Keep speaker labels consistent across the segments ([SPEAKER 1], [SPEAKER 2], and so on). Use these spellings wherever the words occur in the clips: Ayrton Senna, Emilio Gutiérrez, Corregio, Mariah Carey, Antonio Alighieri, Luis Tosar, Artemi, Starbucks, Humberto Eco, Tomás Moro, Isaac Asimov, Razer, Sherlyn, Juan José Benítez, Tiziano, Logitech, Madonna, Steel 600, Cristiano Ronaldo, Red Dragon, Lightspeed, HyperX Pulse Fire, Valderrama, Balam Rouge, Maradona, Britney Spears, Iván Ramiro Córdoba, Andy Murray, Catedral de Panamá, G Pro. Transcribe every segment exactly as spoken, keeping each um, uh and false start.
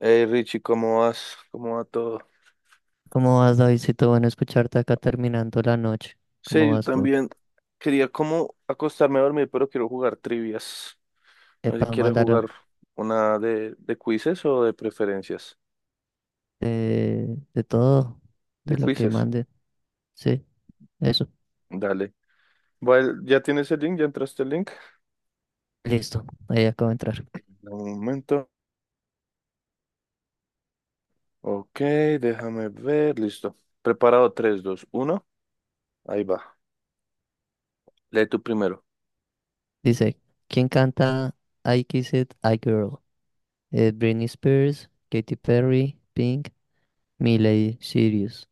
[SPEAKER 1] Hey Richie, ¿cómo vas? ¿Cómo va todo?
[SPEAKER 2] ¿Cómo vas, Davidcito? Bueno, escucharte acá terminando la noche.
[SPEAKER 1] Sí,
[SPEAKER 2] ¿Cómo
[SPEAKER 1] yo
[SPEAKER 2] vas tú?
[SPEAKER 1] también quería como acostarme a dormir, pero quiero jugar trivias. No sé si
[SPEAKER 2] Epa,
[SPEAKER 1] quieres jugar
[SPEAKER 2] mándalo.
[SPEAKER 1] una de, de quizzes o de preferencias.
[SPEAKER 2] De, de todo,
[SPEAKER 1] De
[SPEAKER 2] de lo que
[SPEAKER 1] quizzes,
[SPEAKER 2] mande. Sí, eso.
[SPEAKER 1] dale. Bueno, ¿ya tienes el link? ¿Ya entraste el link?
[SPEAKER 2] Listo, ahí acabo de entrar.
[SPEAKER 1] Dame Un momento. Ok, déjame ver. Listo. Preparado tres, dos, uno. Ahí va. Lee tú primero.
[SPEAKER 2] Dice, ¿quién canta I Kiss It, I Girl? Eh, Britney Spears, Katy Perry, Pink, Miley Cyrus.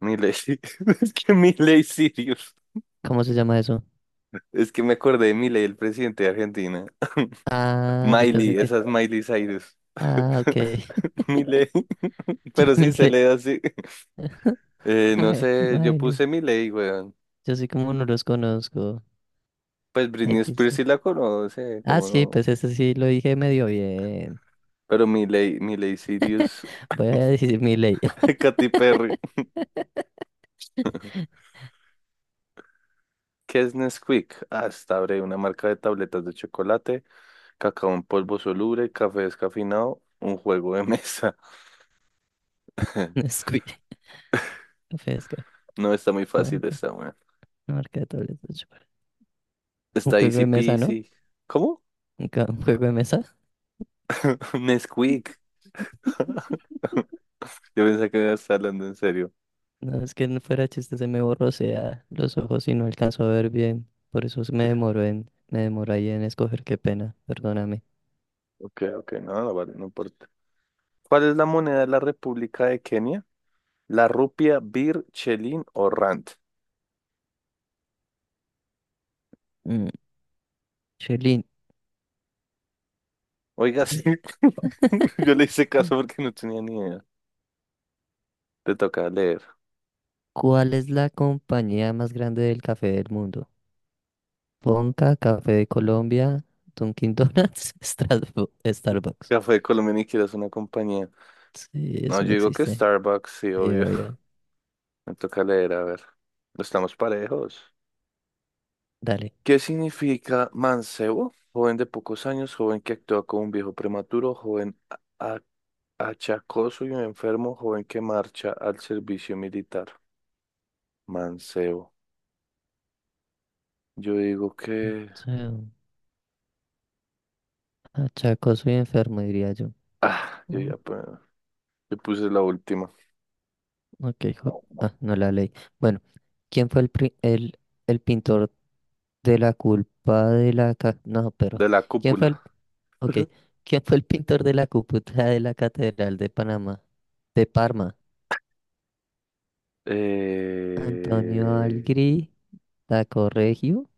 [SPEAKER 1] Milei. Es que Milei Sirius.
[SPEAKER 2] ¿Cómo se llama eso?
[SPEAKER 1] Es que me acordé de Milei, el presidente de Argentina.
[SPEAKER 2] Ah, yo pensé
[SPEAKER 1] Miley,
[SPEAKER 2] que...
[SPEAKER 1] esa es Miley Cyrus.
[SPEAKER 2] Ah, ok.
[SPEAKER 1] Miley,
[SPEAKER 2] Yo
[SPEAKER 1] pero sí se
[SPEAKER 2] Miley.
[SPEAKER 1] lee así. Eh, no sé, yo
[SPEAKER 2] Miley.
[SPEAKER 1] puse Miley, weón.
[SPEAKER 2] Yo sí como no los conozco.
[SPEAKER 1] Pues
[SPEAKER 2] I
[SPEAKER 1] Britney
[SPEAKER 2] Kiss.
[SPEAKER 1] Spears sí la conoce,
[SPEAKER 2] Ah,
[SPEAKER 1] cómo
[SPEAKER 2] sí,
[SPEAKER 1] no.
[SPEAKER 2] pues ese sí lo dije medio bien.
[SPEAKER 1] Pero Miley, Miley Cyrus,
[SPEAKER 2] Voy a decir mi ley.
[SPEAKER 1] Katy Perry. ¿Qué es Nesquik? Ah, está breve, una marca de tabletas de chocolate, cacao en polvo soluble, café descafeinado, un juego de mesa.
[SPEAKER 2] Squid, pesca,
[SPEAKER 1] No, está muy fácil
[SPEAKER 2] campo,
[SPEAKER 1] esta, weón.
[SPEAKER 2] marca, de tableta, chupa. Un
[SPEAKER 1] Está
[SPEAKER 2] juego
[SPEAKER 1] easy
[SPEAKER 2] de mesa, ¿no?
[SPEAKER 1] peasy. ¿Cómo?
[SPEAKER 2] Un ca- un juego de mesa.
[SPEAKER 1] Nesquik. Yo pensé que me estar hablando en serio.
[SPEAKER 2] No, es que no fuera chiste, se me borrosea los ojos y no alcanzo a ver bien. Por eso me demoró en, me demoró ahí en escoger, qué pena, perdóname.
[SPEAKER 1] Ok, ok, no, no, vale, no importa. ¿Cuál es la moneda de la República de Kenia? ¿La rupia, bir, chelín o rand?
[SPEAKER 2] Mm, Sherlyn,
[SPEAKER 1] Oiga, sí.
[SPEAKER 2] eh,
[SPEAKER 1] Yo le hice caso porque no tenía ni idea. Te toca leer.
[SPEAKER 2] ¿cuál es la compañía más grande del café del mundo? Ponca, Café de Colombia, Dunkin' Donuts, Strasbo- Starbucks.
[SPEAKER 1] Café de Colombia ni quieres una compañía.
[SPEAKER 2] Sí,
[SPEAKER 1] No,
[SPEAKER 2] eso
[SPEAKER 1] yo
[SPEAKER 2] no
[SPEAKER 1] digo que
[SPEAKER 2] existe.
[SPEAKER 1] Starbucks, sí,
[SPEAKER 2] Sí,
[SPEAKER 1] obvio.
[SPEAKER 2] obvio.
[SPEAKER 1] Me toca leer, a ver. Estamos parejos.
[SPEAKER 2] Dale.
[SPEAKER 1] ¿Qué significa mancebo? Joven de pocos años, joven que actúa como un viejo prematuro, joven Achacoso y un enfermo joven que marcha al servicio militar. Mancebo. Yo digo
[SPEAKER 2] O
[SPEAKER 1] que...
[SPEAKER 2] sea, achacoso soy enfermo, diría yo.
[SPEAKER 1] Ah, yo
[SPEAKER 2] Oh,
[SPEAKER 1] ya pu- yo puse la última.
[SPEAKER 2] ok, jo-
[SPEAKER 1] No, no,
[SPEAKER 2] ah, no la leí. Bueno, ¿quién fue el, pri- el, el pintor de la culpa de la... ca- No,
[SPEAKER 1] de
[SPEAKER 2] pero...
[SPEAKER 1] la
[SPEAKER 2] ¿Quién fue el...
[SPEAKER 1] cúpula.
[SPEAKER 2] Ok, ¿quién fue el pintor de la cúpula de la Catedral de Panamá? De Parma. Antonio
[SPEAKER 1] Eh,
[SPEAKER 2] Algri, Corregio,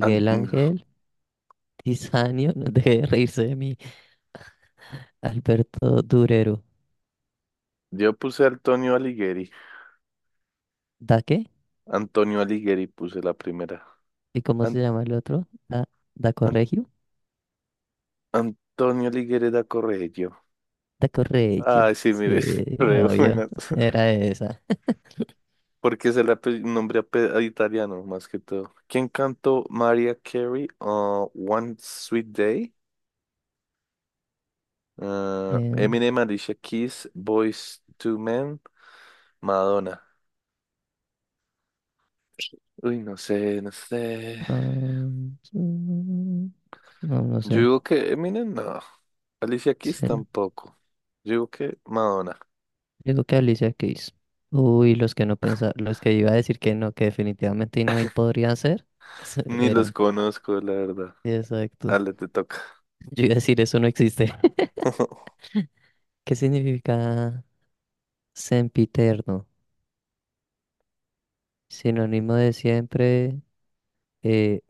[SPEAKER 1] An-
[SPEAKER 2] Ángel, Tiziano, no deje de reírse de mí, Alberto Durero.
[SPEAKER 1] Yo puse Antonio Alighieri.
[SPEAKER 2] ¿Da qué?
[SPEAKER 1] Antonio Alighieri puse la primera.
[SPEAKER 2] ¿Y cómo
[SPEAKER 1] An-
[SPEAKER 2] se llama el otro? Da, da
[SPEAKER 1] An-
[SPEAKER 2] Corregio.
[SPEAKER 1] Antonio Alighieri da Correggio.
[SPEAKER 2] Da Corregio.
[SPEAKER 1] Ay, sí,
[SPEAKER 2] Sí,
[SPEAKER 1] mire, re
[SPEAKER 2] obvio.
[SPEAKER 1] buenas.
[SPEAKER 2] Era esa.
[SPEAKER 1] Porque es el ape- nombre ape- a italiano, más que todo. ¿Quién cantó Mariah Carey? uh, One Sweet Day. Uh,
[SPEAKER 2] Eh,
[SPEAKER 1] Eminem, Alicia Keys, Boyz Two Men, Madonna. Uy, no sé, no sé.
[SPEAKER 2] ah, mm, no, no
[SPEAKER 1] Yo
[SPEAKER 2] sé.
[SPEAKER 1] digo que Eminem, no. Alicia Keys
[SPEAKER 2] Sí.
[SPEAKER 1] tampoco. Yo digo que Madonna.
[SPEAKER 2] Digo que Alicia Keys. Uy, los que no pensaba, los que iba a decir que no, que definitivamente no y podrían ser, se-
[SPEAKER 1] Ni los
[SPEAKER 2] eran.
[SPEAKER 1] conozco, la verdad.
[SPEAKER 2] Exacto.
[SPEAKER 1] Ale, te toca.
[SPEAKER 2] Yo iba a decir eso no existe. ¿Qué significa sempiterno? Sinónimo de siempre, eh,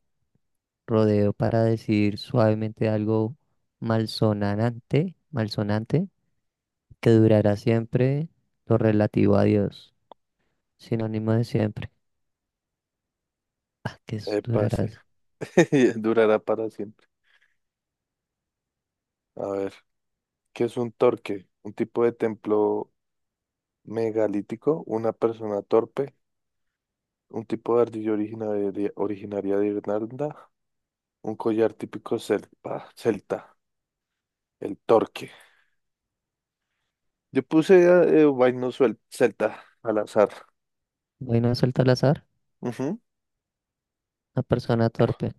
[SPEAKER 2] Rodeo para decir suavemente algo malsonante, malsonante, que durará siempre lo relativo a Dios, sinónimo de siempre. Ah, que es-
[SPEAKER 1] Eh, pase.
[SPEAKER 2] durarás.
[SPEAKER 1] Durará para siempre. A ver, ¿qué es un torque? Un tipo de templo Megalítico, una persona torpe, un tipo de ardilla originaria, originaria de Irlanda, un collar típico celta, celta, el torque. Yo puse ah, eh, vaino suel- celta al azar.
[SPEAKER 2] Bueno, a soltar al azar,
[SPEAKER 1] Ujú.
[SPEAKER 2] una persona torpe.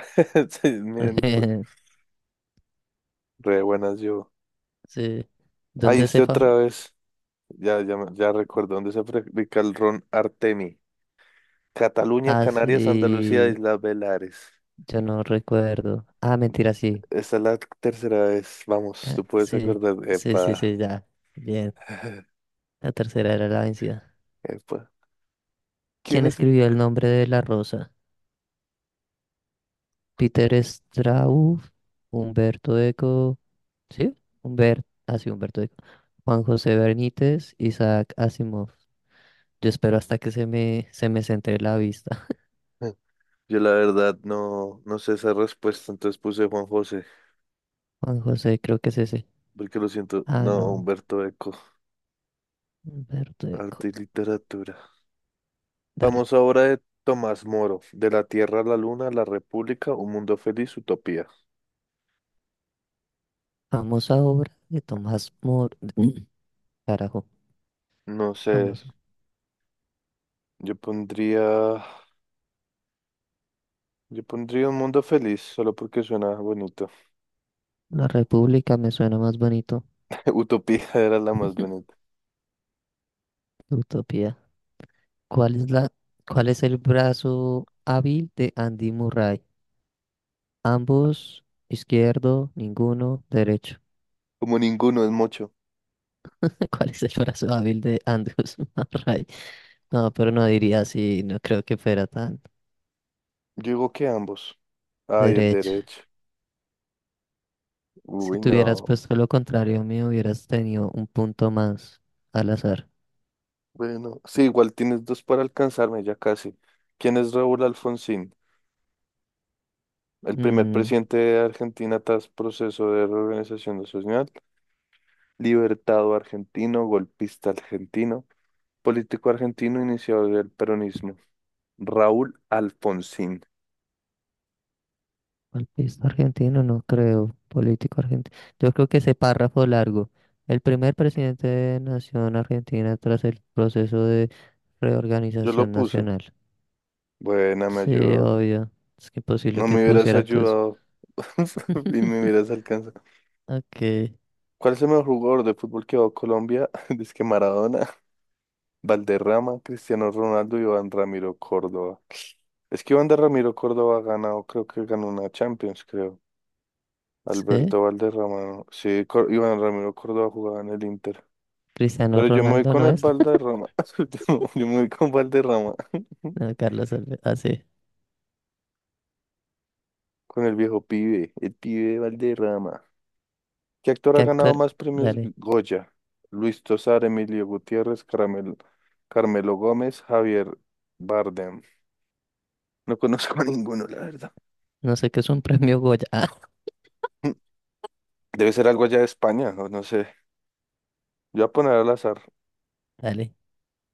[SPEAKER 1] Sí, miren, fue re buenas yo.
[SPEAKER 2] Sí.
[SPEAKER 1] Ahí
[SPEAKER 2] ¿Dónde se
[SPEAKER 1] estoy
[SPEAKER 2] fa?
[SPEAKER 1] otra vez. Ya, ya, me- ya recuerdo dónde se fabrica el ron Artemi. Cataluña,
[SPEAKER 2] Ah,
[SPEAKER 1] Canarias, Andalucía,
[SPEAKER 2] sí.
[SPEAKER 1] Islas Baleares.
[SPEAKER 2] Yo no recuerdo. Ah, mentira, sí.
[SPEAKER 1] Esta es la tercera vez. Vamos, tú
[SPEAKER 2] Ca-
[SPEAKER 1] puedes
[SPEAKER 2] Sí,
[SPEAKER 1] acordar.
[SPEAKER 2] sí, sí,
[SPEAKER 1] Epa.
[SPEAKER 2] sí, ya. Bien. La tercera era la vencida.
[SPEAKER 1] Epa. ¿Quién...?
[SPEAKER 2] ¿Quién escribió el nombre de la rosa? Peter Straub, Humberto Eco, ¿sí? Humberto, así Humberto Eco, Juan José Benítez, Isaac Asimov. Yo espero hasta que se me, se me centre la vista.
[SPEAKER 1] Ah, yo la verdad no, no sé esa respuesta, entonces puse Juan José,
[SPEAKER 2] Juan José, creo que es ese.
[SPEAKER 1] porque lo siento.
[SPEAKER 2] Ah,
[SPEAKER 1] No,
[SPEAKER 2] no,
[SPEAKER 1] Humberto Eco,
[SPEAKER 2] Humberto Eco.
[SPEAKER 1] arte y literatura.
[SPEAKER 2] Dale.
[SPEAKER 1] Vamos ahora de Tomás Moro, De la Tierra a la Luna, La República, Un Mundo Feliz, Utopía.
[SPEAKER 2] Famosa obra de Tomás Moro. Carajo,
[SPEAKER 1] No sé,
[SPEAKER 2] famoso.
[SPEAKER 1] yo pondría, yo pondría Un Mundo Feliz, solo porque suena bonito.
[SPEAKER 2] La República me suena más bonito.
[SPEAKER 1] Utopía era la más bonita.
[SPEAKER 2] Utopía. ¿Cuál es la, cuál es el brazo hábil de Andy Murray? Ambos, izquierdo, ninguno, derecho.
[SPEAKER 1] Como ninguno es mucho.
[SPEAKER 2] ¿Cuál es el brazo hábil de Andrews Murray? No, pero no diría así, no creo que fuera tan
[SPEAKER 1] Yo digo que ambos. Ay, el
[SPEAKER 2] derecho.
[SPEAKER 1] derecho.
[SPEAKER 2] Si
[SPEAKER 1] Uy,
[SPEAKER 2] te hubieras
[SPEAKER 1] no.
[SPEAKER 2] puesto lo contrario mío, hubieras tenido un punto más al azar.
[SPEAKER 1] Bueno, sí, igual tienes dos para alcanzarme, ya casi. ¿Quién es Raúl Alfonsín? El primer
[SPEAKER 2] Mm,
[SPEAKER 1] presidente de Argentina tras proceso de reorganización nacional, libertado argentino, golpista argentino, político argentino, iniciador del peronismo. Raúl Alfonsín.
[SPEAKER 2] golpista argentino, no creo. Político argentino. Yo creo que ese párrafo largo. El primer presidente de Nación Argentina tras el proceso de
[SPEAKER 1] Yo lo
[SPEAKER 2] reorganización
[SPEAKER 1] puse.
[SPEAKER 2] nacional.
[SPEAKER 1] Buena, me
[SPEAKER 2] Sí,
[SPEAKER 1] ayudó.
[SPEAKER 2] obvio. Es que imposible
[SPEAKER 1] No
[SPEAKER 2] que
[SPEAKER 1] me hubieras
[SPEAKER 2] pusieran todo eso.
[SPEAKER 1] ayudado y me hubieras alcanzado.
[SPEAKER 2] Ok.
[SPEAKER 1] ¿Cuál es el mejor jugador de fútbol que va a Colombia? Dice que Maradona. Valderrama, Cristiano Ronaldo y Iván Ramiro Córdoba. Es que Iván de Ramiro Córdoba ha ganado, creo que ganó una Champions, creo.
[SPEAKER 2] Sí.
[SPEAKER 1] Alberto Valderrama, no. Sí, Cor- Iván Ramiro Córdoba jugaba en el Inter.
[SPEAKER 2] Cristiano
[SPEAKER 1] Pero yo me voy
[SPEAKER 2] Ronaldo
[SPEAKER 1] con
[SPEAKER 2] no
[SPEAKER 1] el
[SPEAKER 2] es.
[SPEAKER 1] Valderrama. Yo no, yo me voy con Valderrama.
[SPEAKER 2] No, Carlos Alve- Ah, sí.
[SPEAKER 1] Con el viejo pibe, el pibe de Valderrama. ¿Qué actor ha
[SPEAKER 2] ¿Qué
[SPEAKER 1] ganado
[SPEAKER 2] actor?
[SPEAKER 1] más premios
[SPEAKER 2] Dale.
[SPEAKER 1] Goya? Luis Tosar, Emilio Gutiérrez, Caramel- Carmelo Gómez, Javier Bardem. No conozco a ninguno, la verdad.
[SPEAKER 2] No sé qué es un premio Goya. Ah,
[SPEAKER 1] Debe ser algo allá de España, o no sé. Yo voy a poner al azar.
[SPEAKER 2] dale.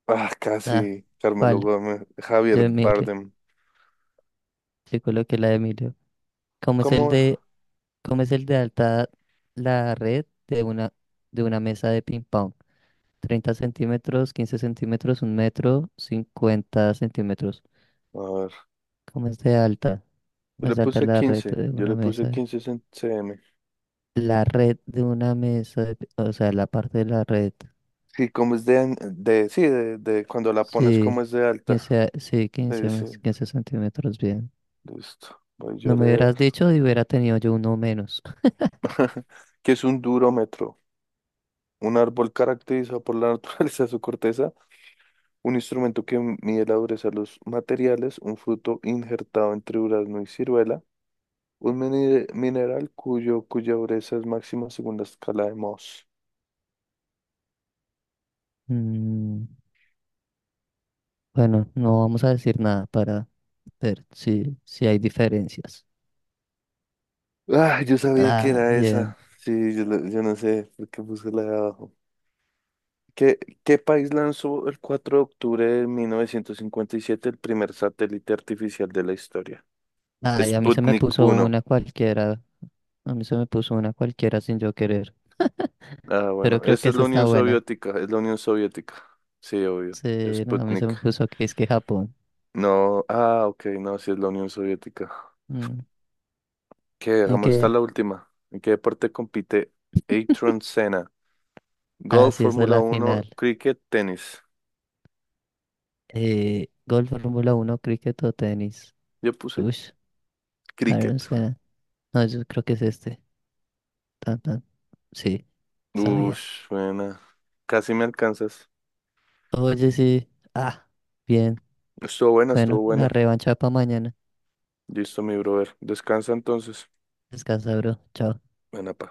[SPEAKER 1] Ah,
[SPEAKER 2] Ah,
[SPEAKER 1] casi. Carmelo
[SPEAKER 2] ¿cuál?
[SPEAKER 1] Gómez,
[SPEAKER 2] Yo
[SPEAKER 1] Javier
[SPEAKER 2] Emilio.
[SPEAKER 1] Bardem.
[SPEAKER 2] Yo coloqué la de Emilio. ¿Cómo es el
[SPEAKER 1] ¿Cómo? A
[SPEAKER 2] de, cómo es el de alta la red de una, de una mesa de ping pong? Treinta centímetros, quince centímetros, un metro, cincuenta centímetros.
[SPEAKER 1] ver,
[SPEAKER 2] ¿Cómo es de alta?
[SPEAKER 1] yo
[SPEAKER 2] ¿Cómo
[SPEAKER 1] le
[SPEAKER 2] es de alta
[SPEAKER 1] puse
[SPEAKER 2] la red
[SPEAKER 1] quince.
[SPEAKER 2] de
[SPEAKER 1] Yo
[SPEAKER 2] una
[SPEAKER 1] le puse
[SPEAKER 2] mesa?
[SPEAKER 1] quince cen- cm.
[SPEAKER 2] La red de una mesa, de pi- o sea, la parte de la red.
[SPEAKER 1] Sí, como es de, an- de sí, de, de cuando la pones como
[SPEAKER 2] Sí,
[SPEAKER 1] es de alta.
[SPEAKER 2] quince, sí,
[SPEAKER 1] Sí,
[SPEAKER 2] quince
[SPEAKER 1] sí,
[SPEAKER 2] mes- quince centímetros, bien.
[SPEAKER 1] listo. Voy yo
[SPEAKER 2] No
[SPEAKER 1] a
[SPEAKER 2] me hubieras
[SPEAKER 1] leer.
[SPEAKER 2] dicho y hubiera tenido yo uno menos.
[SPEAKER 1] ¿Qué es un durómetro? Un árbol caracterizado por la naturaleza de su corteza, un instrumento que mide la dureza de los materiales, un fruto injertado entre durazno y ciruela, Un mini- mineral cuyo, cuya dureza es máxima según la escala de Mohs.
[SPEAKER 2] Mm, bueno, no vamos a decir nada para ver si, si hay diferencias.
[SPEAKER 1] Ah, yo sabía que
[SPEAKER 2] Ah,
[SPEAKER 1] era
[SPEAKER 2] bien.
[SPEAKER 1] esa. Sí, yo, la- yo no sé por qué puse la de abajo. ¿Qué, qué país lanzó el cuatro de octubre de mil novecientos cincuenta y siete el primer satélite artificial de la historia?
[SPEAKER 2] Ay, a mí se me
[SPEAKER 1] Sputnik
[SPEAKER 2] puso
[SPEAKER 1] uno
[SPEAKER 2] una cualquiera. A mí se me puso una cualquiera sin yo querer.
[SPEAKER 1] Ah,
[SPEAKER 2] Pero
[SPEAKER 1] bueno,
[SPEAKER 2] creo que
[SPEAKER 1] esa es la
[SPEAKER 2] esa está
[SPEAKER 1] Unión
[SPEAKER 2] buena.
[SPEAKER 1] Soviética, es la Unión Soviética. Sí, obvio.
[SPEAKER 2] Sí, no, a mí se
[SPEAKER 1] Sputnik.
[SPEAKER 2] me puso que es que Japón.
[SPEAKER 1] No, ah, ok, no, sí es la Unión Soviética.
[SPEAKER 2] Mm,
[SPEAKER 1] Que
[SPEAKER 2] ¿En
[SPEAKER 1] hagamos esta
[SPEAKER 2] qué?
[SPEAKER 1] la última. ¿En qué deporte compite Ayrton Senna?
[SPEAKER 2] Ah,
[SPEAKER 1] Golf,
[SPEAKER 2] sí, esa es
[SPEAKER 1] Fórmula
[SPEAKER 2] la
[SPEAKER 1] uno,
[SPEAKER 2] final.
[SPEAKER 1] cricket, tenis.
[SPEAKER 2] Eh, golf, Fórmula uno cricket o tenis.
[SPEAKER 1] Yo puse
[SPEAKER 2] Uy, a ver, o
[SPEAKER 1] cricket.
[SPEAKER 2] sea, no, yo creo que es este. Tan, tan. Sí, sabía.
[SPEAKER 1] Ush, buena. Casi me alcanzas.
[SPEAKER 2] Oye, sí. Ah, bien.
[SPEAKER 1] Estuvo buena, estuvo
[SPEAKER 2] Bueno, la
[SPEAKER 1] buena.
[SPEAKER 2] revancha para mañana.
[SPEAKER 1] Listo, mi brother. Descansa entonces.
[SPEAKER 2] Descansa, bro. Chao.
[SPEAKER 1] Buena, pa.